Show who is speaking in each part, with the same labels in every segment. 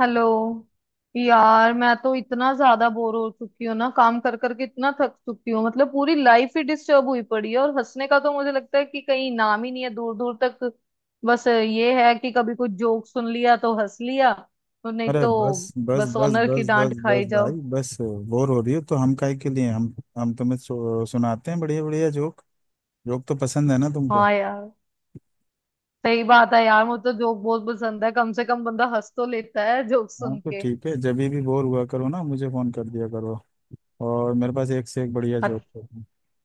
Speaker 1: Hello. यार मैं तो इतना ज्यादा बोर हो चुकी हूँ ना, काम कर करके इतना थक चुकी हूँ। मतलब पूरी लाइफ ही डिस्टर्ब हुई पड़ी है और हंसने का तो मुझे लगता है कि कहीं नाम ही नहीं है दूर दूर तक। बस ये है कि कभी कुछ जोक सुन लिया तो हंस लिया, और नहीं
Speaker 2: अरे बस।
Speaker 1: तो
Speaker 2: बस
Speaker 1: बस
Speaker 2: बस
Speaker 1: ऑनर की
Speaker 2: बस
Speaker 1: डांट
Speaker 2: बस
Speaker 1: खाई
Speaker 2: बस भाई
Speaker 1: जाओ।
Speaker 2: बस। बोर हो रही हो तो हम काहे के लिए, हम तुम्हें सुनाते हैं बढ़िया बढ़िया जोक। जोक तो पसंद है ना तुमको।
Speaker 1: हाँ यार, सही बात है यार, मुझे तो जोक बहुत पसंद है, कम से कम बंदा हंस तो लेता है जोक
Speaker 2: हाँ
Speaker 1: सुन
Speaker 2: तो
Speaker 1: के।
Speaker 2: ठीक है, जब भी बोर हुआ करो ना मुझे फोन कर दिया करो। और मेरे पास एक से एक बढ़िया जोक
Speaker 1: अच्छा,
Speaker 2: है।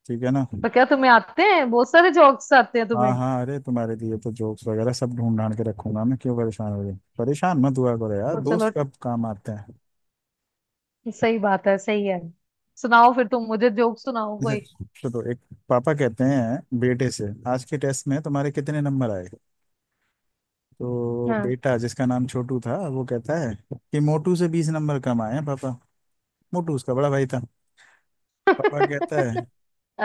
Speaker 2: ठीक है ना।
Speaker 1: तो क्या तुम्हें आते हैं बहुत सारे जोक्स आते हैं
Speaker 2: हाँ
Speaker 1: तुम्हें?
Speaker 2: हाँ, अरे तुम्हारे लिए तो जोक्स वगैरह सब ढूंढ ढांड के रखूंगा मैं। क्यों परेशान हो रही? परेशान मत हुआ करो यार,
Speaker 1: तो चलो,
Speaker 2: दोस्त कब काम आते हैं।
Speaker 1: सही बात है, सही है, सुनाओ फिर, तुम मुझे जोक सुनाओ
Speaker 2: अच्छा
Speaker 1: कोई।
Speaker 2: तो एक, पापा कहते हैं बेटे से आज के टेस्ट में तुम्हारे कितने नंबर आए। तो
Speaker 1: हाँ।
Speaker 2: बेटा जिसका नाम छोटू था वो कहता है कि मोटू से 20 नंबर कम आए हैं पापा। मोटू उसका बड़ा भाई था। पापा कहता है,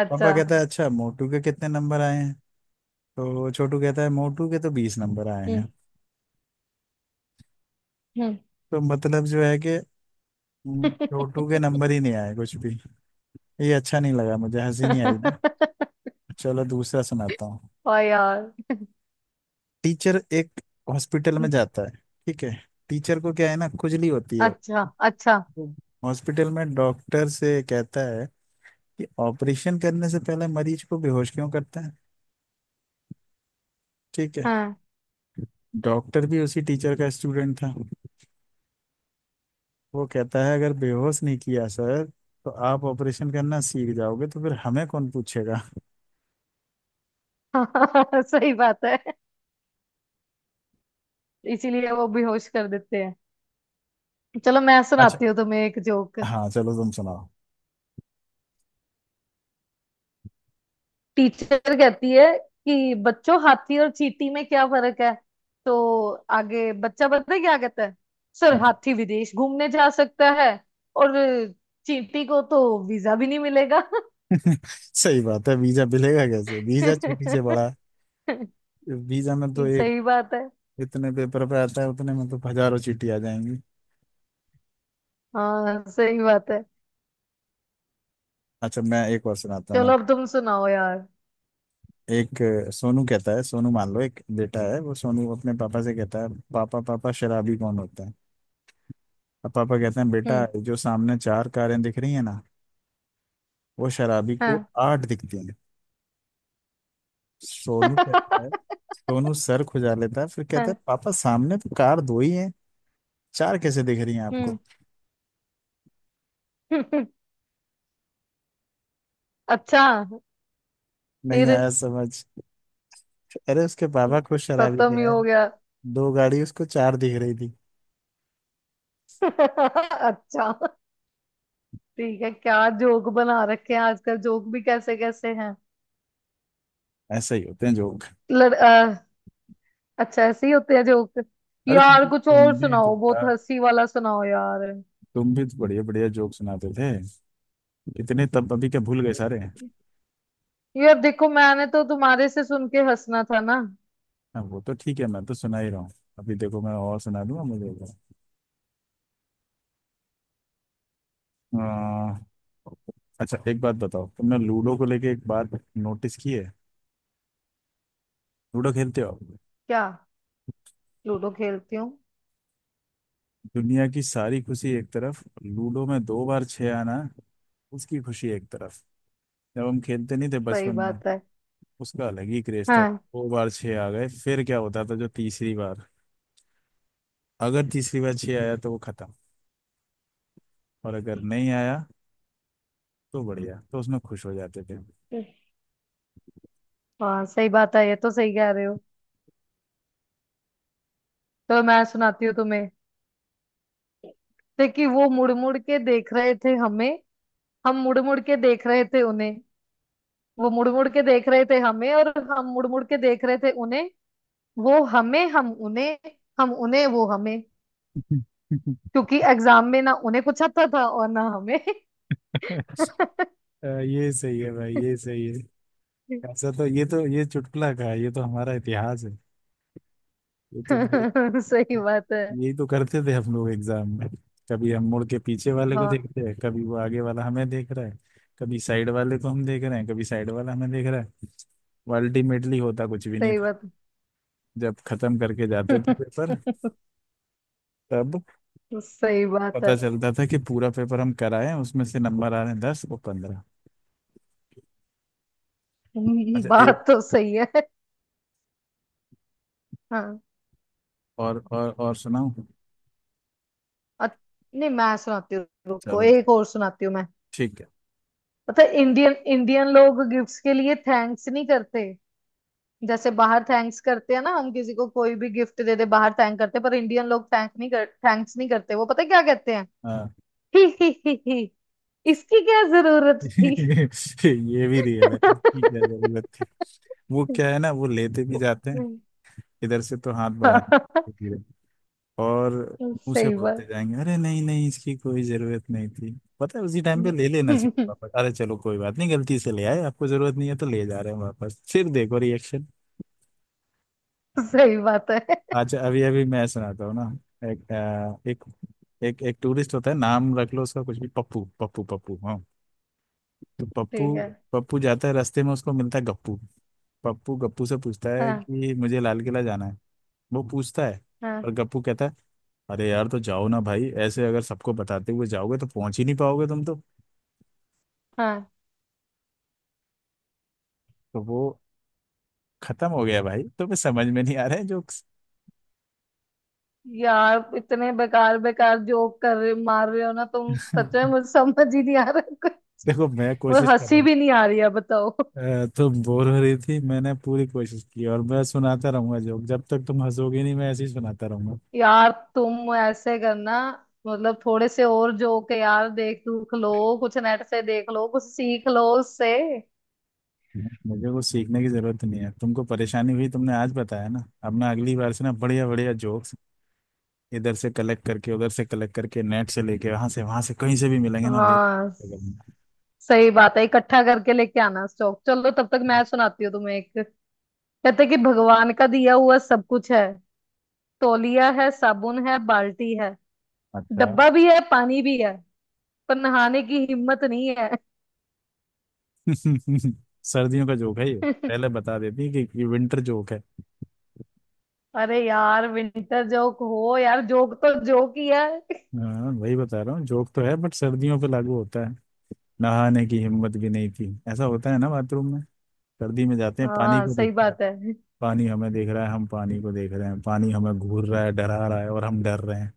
Speaker 1: अच्छा।
Speaker 2: पापा कहता है अच्छा मोटू के कितने नंबर आए हैं। तो छोटू कहता है मोटू के तो 20 नंबर आए
Speaker 1: हम्म
Speaker 2: हैं।
Speaker 1: हम्म।
Speaker 2: तो मतलब जो है कि छोटू के नंबर ही नहीं आए कुछ भी। ये अच्छा नहीं लगा, मुझे हंसी नहीं आई ना। चलो दूसरा सुनाता हूँ।
Speaker 1: ओ यार।
Speaker 2: टीचर एक हॉस्पिटल में जाता है, ठीक है। टीचर को क्या है ना, खुजली होती है।
Speaker 1: अच्छा अच्छा।
Speaker 2: हॉस्पिटल में डॉक्टर से कहता है कि ऑपरेशन करने से पहले मरीज को बेहोश क्यों करते हैं, ठीक है।
Speaker 1: हाँ।
Speaker 2: डॉक्टर भी उसी टीचर का स्टूडेंट था। वो कहता है अगर बेहोश नहीं किया सर तो आप ऑपरेशन करना सीख जाओगे तो फिर हमें कौन पूछेगा।
Speaker 1: सही बात है, इसीलिए वो बेहोश कर देते हैं। चलो मैं
Speaker 2: अच्छा।
Speaker 1: सुनाती हूँ तुम्हें एक जोक।
Speaker 2: हाँ चलो तुम सुनाओ।
Speaker 1: टीचर कहती है कि बच्चों, हाथी और चींटी में क्या फर्क है? तो आगे बच्चा पता है क्या कहता है? सर,
Speaker 2: हाँ,
Speaker 1: हाथी विदेश घूमने जा सकता है और चींटी को तो वीजा भी नहीं मिलेगा।
Speaker 2: सही बात है। वीजा मिलेगा कैसे, वीजा चीटी से बड़ा है। वीजा में तो एक
Speaker 1: सही बात है।
Speaker 2: इतने पेपर पे आता है, उतने में तो हजारों चीटी आ जाएंगी।
Speaker 1: हाँ सही बात है।
Speaker 2: अच्छा मैं एक और सुनाता हूँ ना।
Speaker 1: चलो अब तुम सुनाओ यार।
Speaker 2: एक सोनू कहता है, सोनू मान लो एक बेटा है, वो सोनू अपने पापा से कहता है पापा पापा शराबी कौन होता है। अब पापा कहते हैं बेटा
Speaker 1: हम्म।
Speaker 2: जो सामने चार कारें दिख रही है ना, वो शराबी को
Speaker 1: हाँ।
Speaker 2: आठ दिखती हैं। सोनू कहता है, सोनू सर खुजा लेता है फिर कहता है
Speaker 1: हाँ।
Speaker 2: पापा सामने तो कार दो ही हैं, चार कैसे दिख रही हैं
Speaker 1: हम्म।
Speaker 2: आपको।
Speaker 1: अच्छा।
Speaker 2: नहीं
Speaker 1: फिर?
Speaker 2: आया समझ। अरे उसके पापा खुद शराबी
Speaker 1: खत्म
Speaker 2: थे
Speaker 1: ही हो
Speaker 2: यार,
Speaker 1: गया।
Speaker 2: दो गाड़ी उसको चार दिख रही थी।
Speaker 1: अच्छा, ठीक है, क्या जोक बना रखे हैं आजकल, जोक भी कैसे कैसे हैं।
Speaker 2: ऐसा ही होते हैं जोक।
Speaker 1: लड़, अ, अच्छा, ऐसे ही होते हैं जोक।
Speaker 2: अरे तुम
Speaker 1: यार कुछ और
Speaker 2: तुम भी तो
Speaker 1: सुनाओ, बहुत
Speaker 2: यार,
Speaker 1: हंसी वाला सुनाओ यार।
Speaker 2: तुम भी तो बढ़िया बढ़िया जोक सुनाते थे इतने, तब अभी क्या भूल गए सारे? हाँ,
Speaker 1: यार देखो, मैंने तो तुम्हारे से सुन के हंसना था ना।
Speaker 2: वो तो ठीक है, मैं तो सुना ही रहा हूँ। अभी देखो मैं और सुना दूंगा मुझे। आ, अच्छा एक बात बताओ, तुमने लूडो को लेके एक बात नोटिस की है। लूडो खेलते हो आप?
Speaker 1: क्या? लूडो खेलती हूँ।
Speaker 2: दुनिया की सारी खुशी एक तरफ, लूडो में दो बार छह आना उसकी खुशी एक तरफ। जब हम खेलते नहीं थे
Speaker 1: सही
Speaker 2: बचपन में,
Speaker 1: बात है।
Speaker 2: उसका अलग ही क्रेज था।
Speaker 1: हाँ
Speaker 2: दो बार छह आ गए फिर क्या होता था, जो तीसरी बार, अगर तीसरी बार छह आया तो वो खत्म, और अगर नहीं आया तो बढ़िया, तो उसमें खुश हो जाते थे।
Speaker 1: हाँ, सही बात है, ये तो सही कह रहे हो। तो मैं सुनाती हूँ तुम्हें। थे कि वो मुड़ मुड़ के देख रहे थे हमें, हम मुड़ मुड़ के देख रहे थे उन्हें। वो मुड़ मुड़ के देख रहे थे हमें और हम मुड़ मुड़ के देख रहे थे उन्हें। वो हमें, हम उन्हें, हम उन्हें, वो हमें। क्योंकि एग्जाम में ना उन्हें कुछ आता था और ना हमें।
Speaker 2: ये सही है भाई, ये सही है। ऐसा तो, ये तो ये चुटकुला का है, ये तो हमारा इतिहास है। ये तो भाई,
Speaker 1: सही बात है।
Speaker 2: यही तो करते थे हम लोग एग्जाम में। कभी हम मुड़ के पीछे वाले को
Speaker 1: हाँ
Speaker 2: देखते हैं, कभी वो आगे वाला हमें देख रहा है, कभी साइड वाले को हम देख रहे हैं, कभी साइड वाला हमें देख रहा है। अल्टीमेटली होता कुछ भी नहीं
Speaker 1: सही
Speaker 2: था।
Speaker 1: बात है।
Speaker 2: जब खत्म करके जाते थे पेपर तब
Speaker 1: सही बात
Speaker 2: पता
Speaker 1: है।
Speaker 2: चलता था कि पूरा पेपर हम कराए हैं, उसमें से नंबर आ रहे हैं 10 और 15। अच्छा एक
Speaker 1: बात तो सही है। हाँ।
Speaker 2: और सुनाओ।
Speaker 1: अ- नहीं, मैं सुनाती हूँ, रुको
Speaker 2: चलो
Speaker 1: एक और सुनाती हूँ मैं।
Speaker 2: ठीक है।
Speaker 1: पता है इंडियन, इंडियन लोग गिफ्ट्स के लिए थैंक्स नहीं करते। जैसे बाहर थैंक्स करते हैं ना, हम किसी को कोई भी गिफ्ट दे दे बाहर थैंक करते हैं, पर इंडियन लोग थैंक नहीं कर, थैंक्स नहीं करते। वो पता है क्या कहते हैं?
Speaker 2: हाँ।
Speaker 1: इसकी क्या जरूरत थी।
Speaker 2: ये भी रियल है, इसकी क्या जरूरत थी। वो क्या है ना, वो लेते भी जाते हैं। इधर से तो हाथ बढ़ाएंगे धीरे, और मुंह से
Speaker 1: सही
Speaker 2: बोलते
Speaker 1: बात।
Speaker 2: जाएंगे अरे नहीं नहीं इसकी कोई जरूरत नहीं थी। पता है उसी टाइम पे ले लेना चाहिए वापस। अरे चलो कोई बात नहीं, गलती से ले आए, आपको जरूरत नहीं है तो ले जा रहे हैं वापस, फिर देखो रिएक्शन।
Speaker 1: सही बात है।
Speaker 2: अच्छा अभी अभी मैं सुनाता हूँ ना। एक अ, एक एक एक टूरिस्ट होता है, नाम रख लो उसका कुछ भी, पप्पू पप्पू पप्पू, हाँ। तो पप्पू,
Speaker 1: ठीक है।
Speaker 2: पप्पू जाता है रास्ते में उसको मिलता है गप्पू। पप्पू गप्पू से पूछता है
Speaker 1: हाँ
Speaker 2: कि मुझे लाल किला जाना है। वो पूछता है,
Speaker 1: हाँ।
Speaker 2: पर गप्पू कहता है अरे यार तो जाओ ना भाई, ऐसे अगर सबको बताते हुए जाओगे तो पहुंच ही नहीं पाओगे तुम।
Speaker 1: हाँ
Speaker 2: तो वो खत्म हो गया। भाई तुम्हें समझ में नहीं आ रहे हैं जोक्स।
Speaker 1: यार, इतने बेकार बेकार जोक कर रहे मार रहे हो ना तुम, सच में मुझे समझ ही नहीं आ रहा।
Speaker 2: देखो मैं
Speaker 1: मुझे
Speaker 2: कोशिश कर रहा
Speaker 1: हंसी
Speaker 2: हूँ।
Speaker 1: भी नहीं आ रही है बताओ।
Speaker 2: तुम बोर हो रही थी, मैंने पूरी कोशिश की, और मैं सुनाता रहूंगा जोक, जब तक तुम हंसोगे नहीं मैं ऐसे ही सुनाता रहूंगा।
Speaker 1: यार तुम ऐसे करना, मतलब थोड़े से और जोक है यार, देख दुख लो, कुछ नेट से देख लो, कुछ सीख लो उससे।
Speaker 2: मुझे कुछ सीखने की जरूरत नहीं है। तुमको परेशानी हुई, तुमने आज बताया ना, अब ना अगली बार से ना बढ़िया बढ़िया जोक्स इधर से कलेक्ट करके उधर से कलेक्ट करके नेट से लेके वहां से कहीं से भी मिलेंगे ना ले।
Speaker 1: हाँ सही बात है, इकट्ठा करके लेके आना स्टॉक। चलो तब तक मैं सुनाती हूँ तुम्हें एक। कहते कि भगवान का दिया हुआ सब कुछ है। तौलिया है, साबुन है, बाल्टी है,
Speaker 2: अच्छा।
Speaker 1: डब्बा भी है, पानी भी है, पर नहाने की हिम्मत नहीं है।
Speaker 2: सर्दियों का जोक है ये। पहले बता देती कि ये विंटर जोक है।
Speaker 1: अरे यार, विंटर जोक हो यार, जोक तो जोक ही है।
Speaker 2: हाँ वही बता रहा हूँ, जोक तो है बट सर्दियों पे लागू होता है। नहाने की हिम्मत भी नहीं थी। ऐसा होता है ना बाथरूम में, सर्दी में जाते हैं पानी
Speaker 1: हाँ
Speaker 2: को
Speaker 1: सही
Speaker 2: देखते हैं,
Speaker 1: बात है।
Speaker 2: पानी हमें देख रहा है, हम पानी को देख रहे हैं, पानी हमें घूर रहा है, डरा रहा है, और हम डर रहे हैं,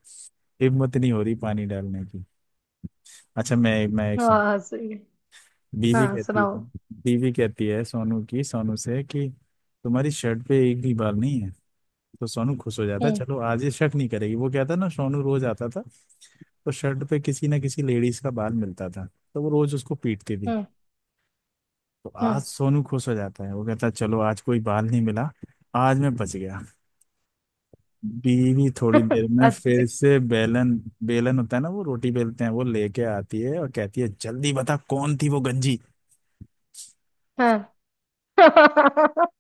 Speaker 2: हिम्मत नहीं हो रही पानी डालने की। अच्छा मैं एक सुन,
Speaker 1: हाँ सही।
Speaker 2: बीवी
Speaker 1: हाँ
Speaker 2: कहती है,
Speaker 1: सुनाओ।
Speaker 2: बीवी कहती है सोनू की सोनू से कि तुम्हारी शर्ट पे एक भी बाल नहीं है। तो सोनू खुश हो जाता,
Speaker 1: हम्म।
Speaker 2: चलो आज ये शक नहीं करेगी। वो क्या था ना, सोनू रोज आता था तो शर्ट पे किसी ना किसी लेडीज का बाल मिलता था, तो वो रोज उसको पीटती थी।
Speaker 1: हम्म।
Speaker 2: तो आज
Speaker 1: हम्म।
Speaker 2: सोनू खुश हो जाता है, वो कहता है चलो आज कोई बाल नहीं मिला, आज मैं बच गया। बीवी थोड़ी देर में
Speaker 1: अच्छा।
Speaker 2: फिर से बेलन, बेलन होता है ना वो रोटी बेलते हैं, वो लेके आती है और कहती है जल्दी बता कौन थी वो गंजी।
Speaker 1: हाँ।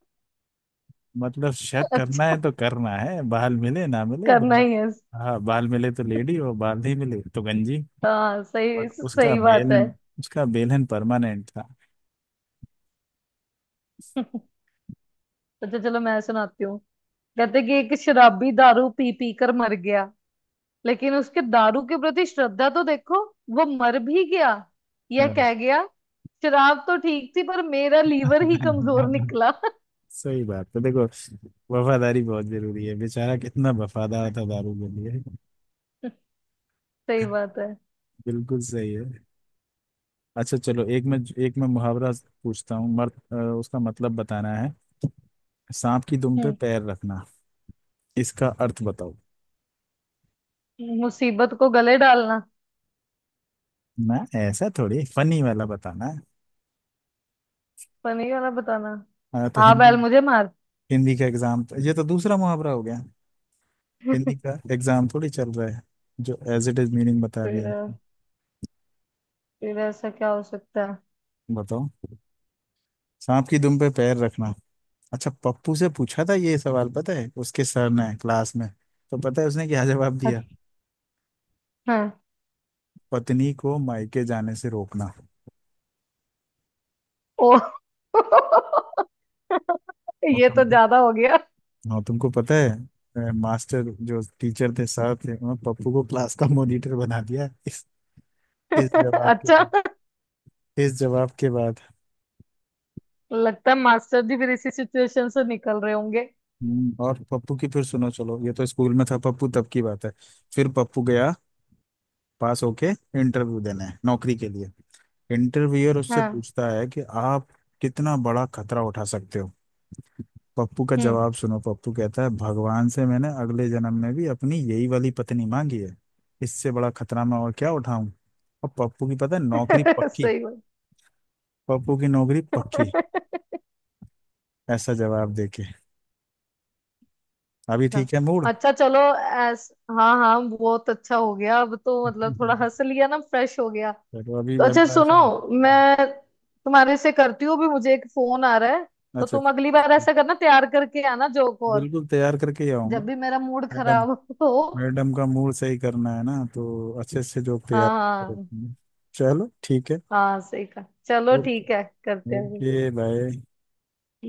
Speaker 2: मतलब शक करना
Speaker 1: अच्छा,
Speaker 2: है तो करना है, बाल मिले ना मिले
Speaker 1: करना
Speaker 2: बाल।
Speaker 1: ही है।
Speaker 2: हाँ, बाल मिले तो लेडी और बाल नहीं मिले तो गंजी।
Speaker 1: हाँ सही,
Speaker 2: बट
Speaker 1: सही बात है।
Speaker 2: उसका बेल एंड परमानेंट था।
Speaker 1: अच्छा चलो मैं सुनाती हूँ। कहते कि एक शराबी दारू पी पी कर मर गया, लेकिन उसके दारू के प्रति श्रद्धा तो देखो, वो मर भी गया, यह
Speaker 2: हाँ।
Speaker 1: कह गया, शराब तो ठीक थी पर मेरा लीवर ही कमजोर निकला।
Speaker 2: सही बात है देखो, वफादारी बहुत जरूरी है, बेचारा कितना वफादार था दारू के लिए।
Speaker 1: सही बात है।
Speaker 2: बिल्कुल सही है। अच्छा चलो, एक मैं मुहावरा पूछता हूँ मर्द, उसका मतलब बताना है। सांप की दुम पे
Speaker 1: हम्म।
Speaker 2: पैर रखना, इसका अर्थ बताओ।
Speaker 1: मुसीबत को गले डालना।
Speaker 2: ना ऐसा थोड़ी, फनी वाला बताना है।
Speaker 1: फनी वाला बताना?
Speaker 2: हाँ तो
Speaker 1: आ
Speaker 2: हिंदी,
Speaker 1: बैल मुझे मार।
Speaker 2: हिंदी का एग्जाम, ये तो दूसरा मुहावरा हो गया। हिंदी का एग्जाम थोड़ी चल रहा है। जो एज इट इज मीनिंग बता
Speaker 1: फिर?
Speaker 2: दिया आपने।
Speaker 1: फिर ऐसा क्या हो सकता है?
Speaker 2: बताओ सांप की दुम पे पैर रखना। अच्छा पप्पू से पूछा था ये सवाल, पता है उसके सर ने क्लास में। तो पता है उसने क्या जवाब दिया,
Speaker 1: अच्छा। हाँ।
Speaker 2: पत्नी को मायके जाने से रोकना।
Speaker 1: ओ।
Speaker 2: और
Speaker 1: ये तो
Speaker 2: तुमको,
Speaker 1: ज्यादा हो गया।
Speaker 2: हाँ तुमको पता है, मास्टर जो टीचर थे सर थे, उन्होंने पप्पू को क्लास का मॉनिटर बना दिया इस जवाब के
Speaker 1: अच्छा,
Speaker 2: बाद इस जवाब के बाद।
Speaker 1: लगता है मास्टर जी फिर इसी सिचुएशन से निकल रहे होंगे।
Speaker 2: और पप्पू की फिर सुनो, चलो ये तो स्कूल में था, पप्पू तब की बात है। फिर पप्पू गया पास होके इंटरव्यू देने नौकरी के लिए। इंटरव्यूअर उससे
Speaker 1: हाँ।
Speaker 2: पूछता है कि आप कितना बड़ा खतरा उठा सकते हो। पप्पू का
Speaker 1: हम्म।
Speaker 2: जवाब सुनो, पप्पू कहता है भगवान से मैंने अगले जन्म में भी अपनी यही वाली पत्नी मांगी है, इससे बड़ा खतरा मैं और क्या उठाऊं। और पप्पू की पता है नौकरी पक्की,
Speaker 1: सही बात।
Speaker 2: पप्पू की नौकरी पक्की ऐसा जवाब देके। अभी
Speaker 1: अच्छा।
Speaker 2: ठीक है मूड।
Speaker 1: अच्छा चलो। ऐस। हाँ हाँ, बहुत अच्छा हो गया अब तो, मतलब थोड़ा हंस लिया ना, फ्रेश हो गया।
Speaker 2: चलो अभी
Speaker 1: तो अच्छा
Speaker 2: मतलब
Speaker 1: सुनो,
Speaker 2: ऐसा। हाँ।
Speaker 1: मैं तुम्हारे से करती हूँ भी, मुझे एक फोन आ रहा है। तो
Speaker 2: अच्छा।
Speaker 1: तुम अगली बार ऐसा करना, तैयार करके आना जोक और।
Speaker 2: बिल्कुल तैयार करके ही आऊंगा
Speaker 1: जब भी मेरा मूड
Speaker 2: मैडम,
Speaker 1: खराब हो।
Speaker 2: मैडम का मूड सही करना है ना तो अच्छे से जो तैयार
Speaker 1: हाँ
Speaker 2: करके
Speaker 1: हाँ।
Speaker 2: रखेंगे। चलो ठीक है।
Speaker 1: हाँ सही कहा, चलो
Speaker 2: ओके।
Speaker 1: ठीक है, करते हैं।
Speaker 2: ओके भाई।